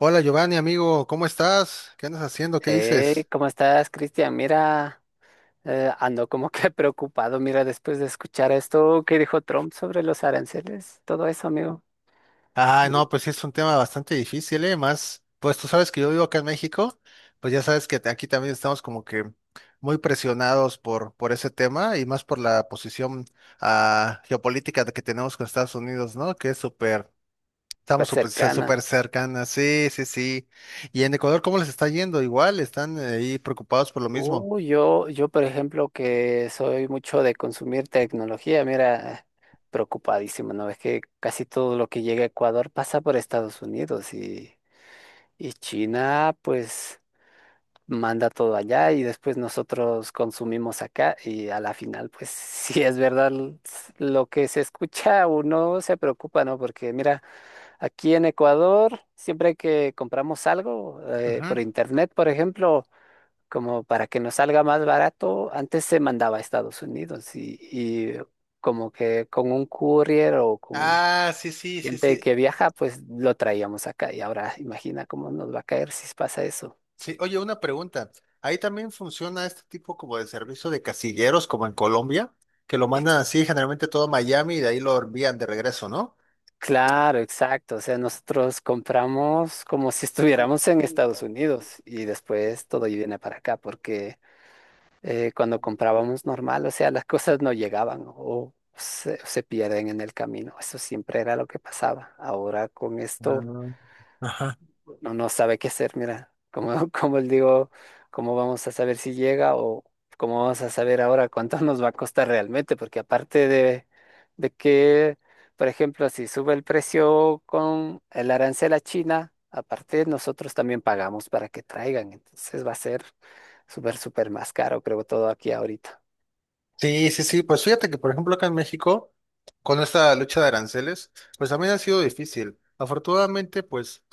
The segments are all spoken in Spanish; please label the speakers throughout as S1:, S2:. S1: Hola Giovanni, amigo, ¿cómo estás? ¿Qué andas haciendo? ¿Qué
S2: Hey,
S1: dices?
S2: ¿cómo estás, Cristian? Mira, ando como que preocupado, mira, después de escuchar esto que dijo Trump sobre los aranceles, todo eso, amigo,
S1: Ah,
S2: mi
S1: no, pues sí es un tema bastante difícil, ¿eh? Más, pues tú sabes que yo vivo acá en México, pues ya sabes que aquí también estamos como que muy presionados por ese tema y más por la posición geopolítica de que tenemos con Estados Unidos, ¿no? Que es súper, estamos
S2: súper
S1: súper,
S2: cercana.
S1: súper cercanas, sí, sí, sí. Y en Ecuador, ¿cómo les está yendo? Igual, están ahí preocupados por lo mismo.
S2: Yo, por ejemplo, que soy mucho de consumir tecnología, mira, preocupadísimo, ¿no? Es que casi todo lo que llega a Ecuador pasa por Estados Unidos y China, pues... manda todo allá y después nosotros consumimos acá y a la final, pues si es verdad lo que se escucha, uno se preocupa, ¿no? Porque mira, aquí en Ecuador, siempre que compramos algo
S1: Ujú.
S2: por internet, por ejemplo, como para que nos salga más barato, antes se mandaba a Estados Unidos y como que con un courier o con...
S1: Ah, sí, sí, sí,
S2: gente que
S1: sí.
S2: viaja, pues lo traíamos acá y ahora imagina cómo nos va a caer si pasa eso.
S1: Sí, oye, una pregunta. Ahí también funciona este tipo como de servicio de casilleros, como en Colombia, que lo mandan así generalmente todo a Miami y de ahí lo envían de regreso, ¿no?
S2: Claro, exacto. O sea, nosotros compramos como si estuviéramos en Estados Unidos y después todo viene para acá, porque cuando comprábamos normal, o sea, las cosas no llegaban o se pierden en el camino. Eso siempre era lo que pasaba. Ahora con esto
S1: Ah, ajá.
S2: no, no sabe qué hacer, mira, como, como él digo, cómo vamos a saber si llega o cómo vamos a saber ahora cuánto nos va a costar realmente, porque aparte de que, por ejemplo, si sube el precio con el arancel a China, aparte nosotros también pagamos para que traigan, entonces va a ser súper, súper más caro, creo, todo aquí ahorita.
S1: Sí, sí, sí. Pues fíjate que, por ejemplo, acá en México, con esta lucha de aranceles, pues también ha sido difícil. Afortunadamente, pues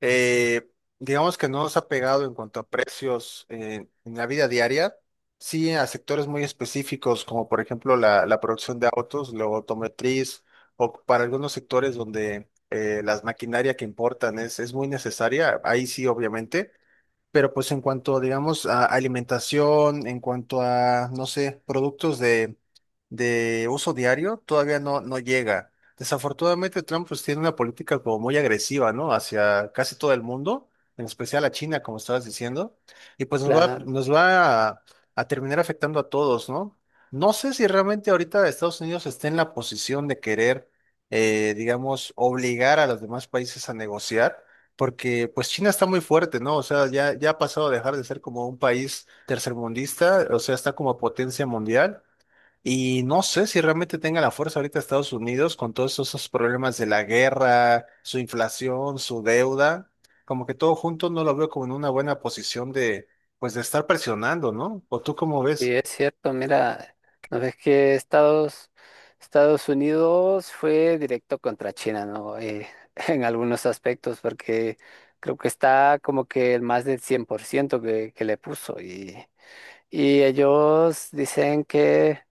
S1: Eh, digamos que no nos ha pegado en cuanto a precios, en la vida diaria, sí a sectores muy específicos, como por ejemplo la producción de autos, la automotriz, o para algunos sectores donde las maquinaria que importan es muy necesaria, ahí sí obviamente, pero pues en cuanto, digamos, a alimentación, en cuanto a, no sé, productos de uso diario, todavía no, no llega. Desafortunadamente Trump pues tiene una política como muy agresiva, ¿no? Hacia casi todo el mundo, en especial a China, como estabas diciendo, y pues
S2: Claro.
S1: nos va a terminar afectando a todos, ¿no? No sé si realmente ahorita Estados Unidos está en la posición de querer, digamos, obligar a los demás países a negociar porque pues China está muy fuerte, ¿no? O sea, ya ha pasado a dejar de ser como un país tercermundista, o sea, está como potencia mundial. Y no sé si realmente tenga la fuerza ahorita Estados Unidos con todos esos problemas de la guerra, su inflación, su deuda, como que todo junto no lo veo como en una buena posición de, pues, de estar presionando, ¿no? ¿O tú cómo
S2: Sí
S1: ves?
S2: es cierto, mira, no ves que Estados Unidos fue directo contra China, ¿no? En algunos aspectos, porque creo que está como que el más del 100% que le puso. Y ellos dicen que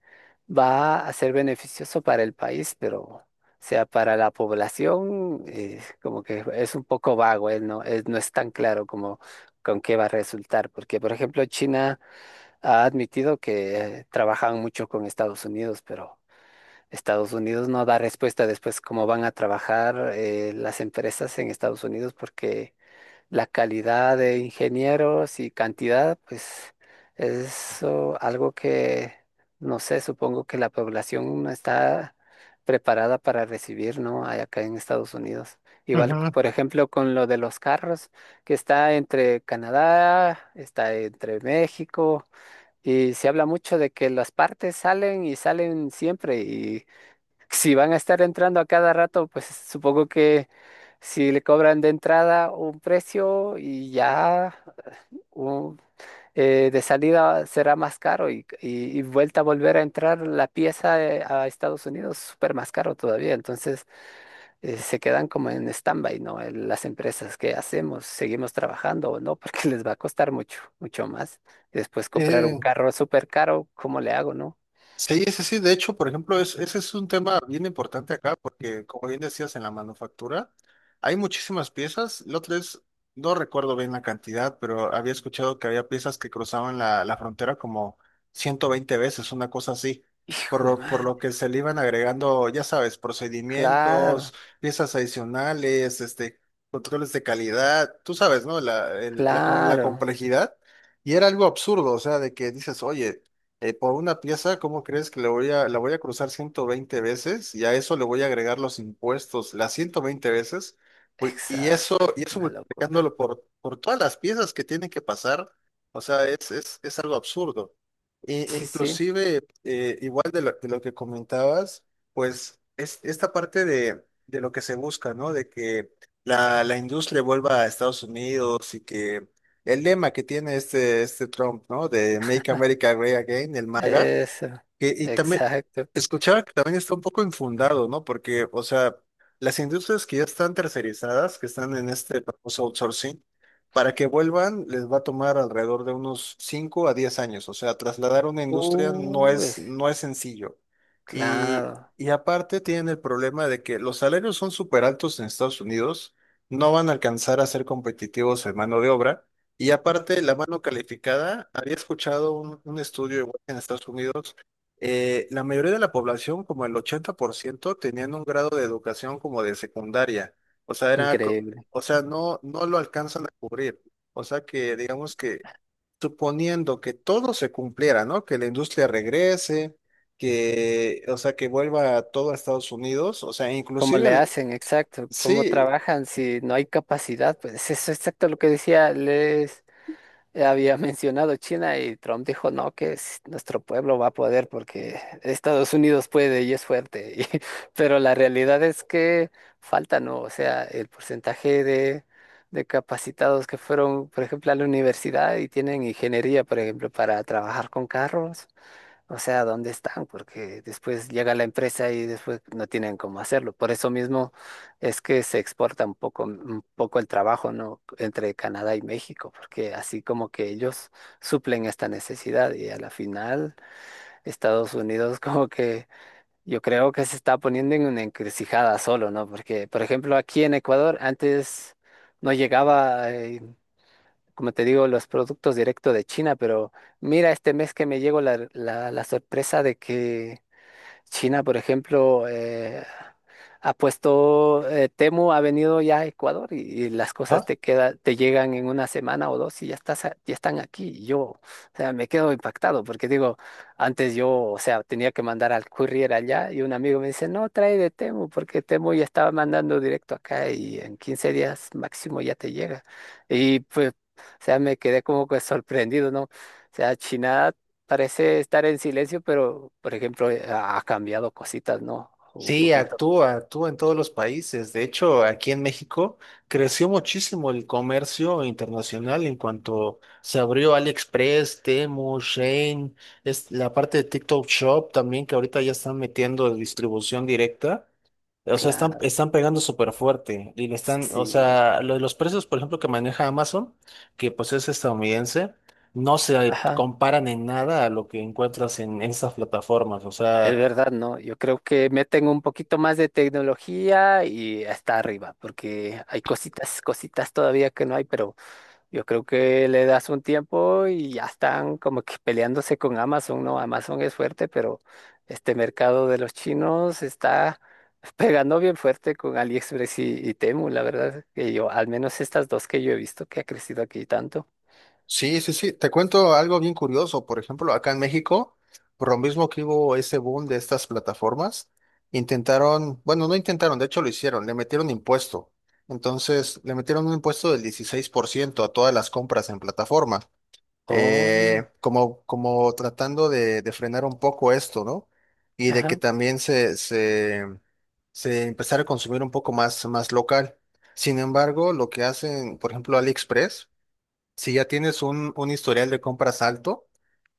S2: va a ser beneficioso para el país, pero, o sea, para la población, como que es un poco vago, no, es, no es tan claro como con qué va a resultar, porque, por ejemplo, China ha admitido que trabajan mucho con Estados Unidos, pero Estados Unidos no da respuesta después cómo van a trabajar las empresas en Estados Unidos porque la calidad de ingenieros y cantidad, pues es algo que, no sé, supongo que la población no está preparada para recibir, ¿no? Hay acá en Estados Unidos. Igual,
S1: Ujú.
S2: por ejemplo, con lo de los carros, que está entre Canadá, está entre México. Y se habla mucho de que las partes salen y salen siempre y si van a estar entrando a cada rato, pues supongo que si le cobran de entrada un precio y ya un- de salida será más caro y, y vuelta a volver a entrar la pieza a Estados Unidos súper más caro todavía. Entonces se quedan como en stand-by, ¿no? Las empresas, ¿qué hacemos? ¿Seguimos trabajando o no? Porque les va a costar mucho, mucho más. Después comprar un
S1: Eh,
S2: carro súper caro, ¿cómo le hago, no?
S1: Sí, ese sí. De hecho, por ejemplo, ese es un tema bien importante acá porque, como bien decías, en la manufactura hay muchísimas piezas. La otra es, no recuerdo bien la cantidad, pero había escuchado que había piezas que cruzaban la frontera como 120 veces, una cosa así.
S2: Hijo de
S1: Por
S2: man.
S1: lo que se le iban agregando, ya sabes,
S2: Claro,
S1: procedimientos, piezas adicionales, este, controles de calidad, tú sabes, ¿no? La
S2: claro.
S1: complejidad. Y era algo absurdo, o sea, de que dices, oye, por una pieza, ¿cómo crees que la voy a cruzar 120 veces? Y a eso le voy a agregar los impuestos, las 120 veces. Uy. Y
S2: Exacto.
S1: eso, y eso
S2: Una locura.
S1: multiplicándolo por todas las piezas que tienen que pasar. O sea, es algo absurdo. E
S2: Sí, sí.
S1: inclusive, igual de lo, que comentabas, pues es esta parte de lo que se busca, ¿no? De que la industria vuelva a Estados Unidos y que el lema que tiene este Trump, ¿no? De Make America Great Again, el MAGA,
S2: Eso.
S1: y también
S2: Exacto.
S1: escuchaba que también está un poco infundado, ¿no? Porque, o sea, las industrias que ya están tercerizadas, que están en este famoso outsourcing, para que vuelvan les va a tomar alrededor de unos 5 a 10 años. O sea, trasladar una industria no
S2: Uy,
S1: es, no es sencillo. Y,
S2: claro.
S1: y aparte tienen el problema de que los salarios son súper altos en Estados Unidos, no van a alcanzar a ser competitivos en mano de obra. Y aparte, la mano calificada, había escuchado un estudio igual en Estados Unidos, la mayoría de la población, como el 80% tenían un grado de educación como de secundaria. O sea,
S2: Increíble.
S1: o sea, no lo alcanzan a cubrir. O sea que, digamos que, suponiendo que todo se cumpliera, ¿no? Que la industria regrese, que, o sea, que vuelva todo a Estados Unidos, o sea,
S2: ¿Cómo
S1: inclusive,
S2: le hacen? Exacto. ¿Cómo
S1: sí,
S2: trabajan si no hay capacidad? Pues eso es exacto lo que decía Les. Había mencionado China y Trump dijo, no, que nuestro pueblo va a poder porque Estados Unidos puede y es fuerte. Pero la realidad es que falta, ¿no? O sea, el porcentaje de capacitados que fueron, por ejemplo, a la universidad y tienen ingeniería, por ejemplo, para trabajar con carros. O sea, ¿dónde están? Porque después llega la empresa y después no tienen cómo hacerlo. Por eso mismo es que se exporta un poco el trabajo, ¿no? Entre Canadá y México, porque así como que ellos suplen esta necesidad y a la final Estados Unidos como que yo creo que se está poniendo en una encrucijada solo, ¿no? Porque, por ejemplo, aquí en Ecuador antes no llegaba como te digo, los productos directos de China, pero mira, este mes que me llegó la sorpresa de que China, por ejemplo, ha puesto, Temu ha venido ya a Ecuador y las cosas te queda, te llegan en una semana o dos y ya estás, ya están aquí. Y yo, o sea, me quedo impactado porque digo, antes yo, o sea, tenía que mandar al courier allá y un amigo me dice, no, trae de Temu porque Temu ya estaba mandando directo acá y en 15 días máximo ya te llega. Y pues, o sea, me quedé como que sorprendido, ¿no? O sea, China parece estar en silencio, pero por ejemplo, ha cambiado cositas, ¿no? Un
S1: sí,
S2: poquito.
S1: actúa en todos los países. De hecho, aquí en México creció muchísimo el comercio internacional en cuanto se abrió AliExpress, Temu, Shein, es la parte de TikTok Shop también que ahorita ya están metiendo distribución directa. O sea, están,
S2: Claro,
S1: están pegando súper fuerte y le están, o
S2: sí.
S1: sea, lo de los precios, por ejemplo, que maneja Amazon, que pues es estadounidense, no se
S2: Ajá.
S1: comparan en nada a lo que encuentras en estas plataformas. O
S2: Es
S1: sea.
S2: verdad, ¿no? Yo creo que meten un poquito más de tecnología y hasta arriba, porque hay cositas, cositas todavía que no hay, pero yo creo que le das un tiempo y ya están como que peleándose con Amazon, ¿no? Amazon es fuerte, pero este mercado de los chinos está pegando bien fuerte con AliExpress y Temu, la verdad, que yo, al menos estas dos que yo he visto que ha crecido aquí tanto.
S1: Sí, sí, sí. Te cuento algo bien curioso. Por ejemplo, acá en México, por lo mismo que hubo ese boom de estas plataformas, intentaron, bueno, no intentaron, de hecho lo hicieron, le metieron impuesto. Entonces, le metieron un impuesto del 16% a todas las compras en plataforma,
S2: Oh,
S1: como tratando de frenar un poco esto, ¿no? Y de que
S2: ajá,
S1: también se empezara a consumir un poco más local. Sin embargo, lo que hacen, por ejemplo, AliExpress, si ya tienes un historial de compras alto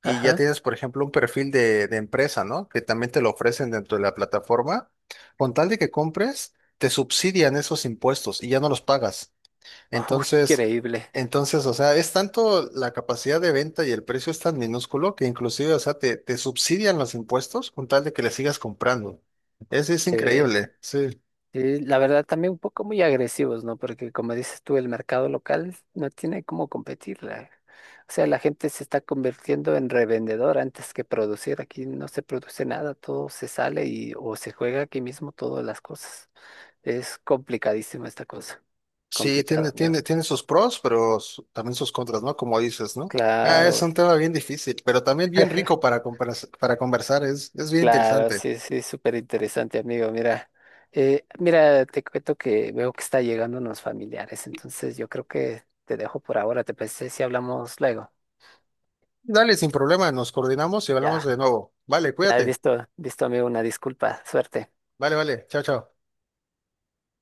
S1: y ya
S2: ajá.
S1: tienes, por ejemplo, un perfil de empresa, ¿no? Que también te lo ofrecen dentro de la plataforma, con tal de que compres, te subsidian esos impuestos y ya no los pagas.
S2: Oh,
S1: Entonces,
S2: increíble.
S1: entonces, o sea, es tanto la capacidad de venta y el precio es tan minúsculo que inclusive, o sea, te subsidian los impuestos con tal de que le sigas comprando. Es
S2: Que,
S1: increíble, sí.
S2: la verdad también un poco muy agresivos, ¿no? Porque como dices tú, el mercado local no tiene cómo competir. O sea, la gente se está convirtiendo en revendedor antes que producir. Aquí no se produce nada, todo se sale y o se juega aquí mismo todas las cosas. Es complicadísima esta cosa.
S1: Sí,
S2: Complicada,
S1: tiene,
S2: amigo.
S1: tiene, tiene sus pros, pero también sus contras, ¿no? Como dices, ¿no? Ah, es
S2: Claro.
S1: un tema bien difícil, pero también bien rico para conversar, es bien
S2: Claro,
S1: interesante.
S2: sí, sí, súper interesante, amigo. Mira, mira, te cuento que veo que está llegando unos familiares, entonces yo creo que te dejo por ahora. ¿Te parece si hablamos luego?
S1: Dale, sin problema, nos coordinamos y hablamos
S2: Ya,
S1: de nuevo. Vale,
S2: ya,
S1: cuídate.
S2: listo, listo, amigo, una disculpa, suerte.
S1: Vale, vale, chao, chao.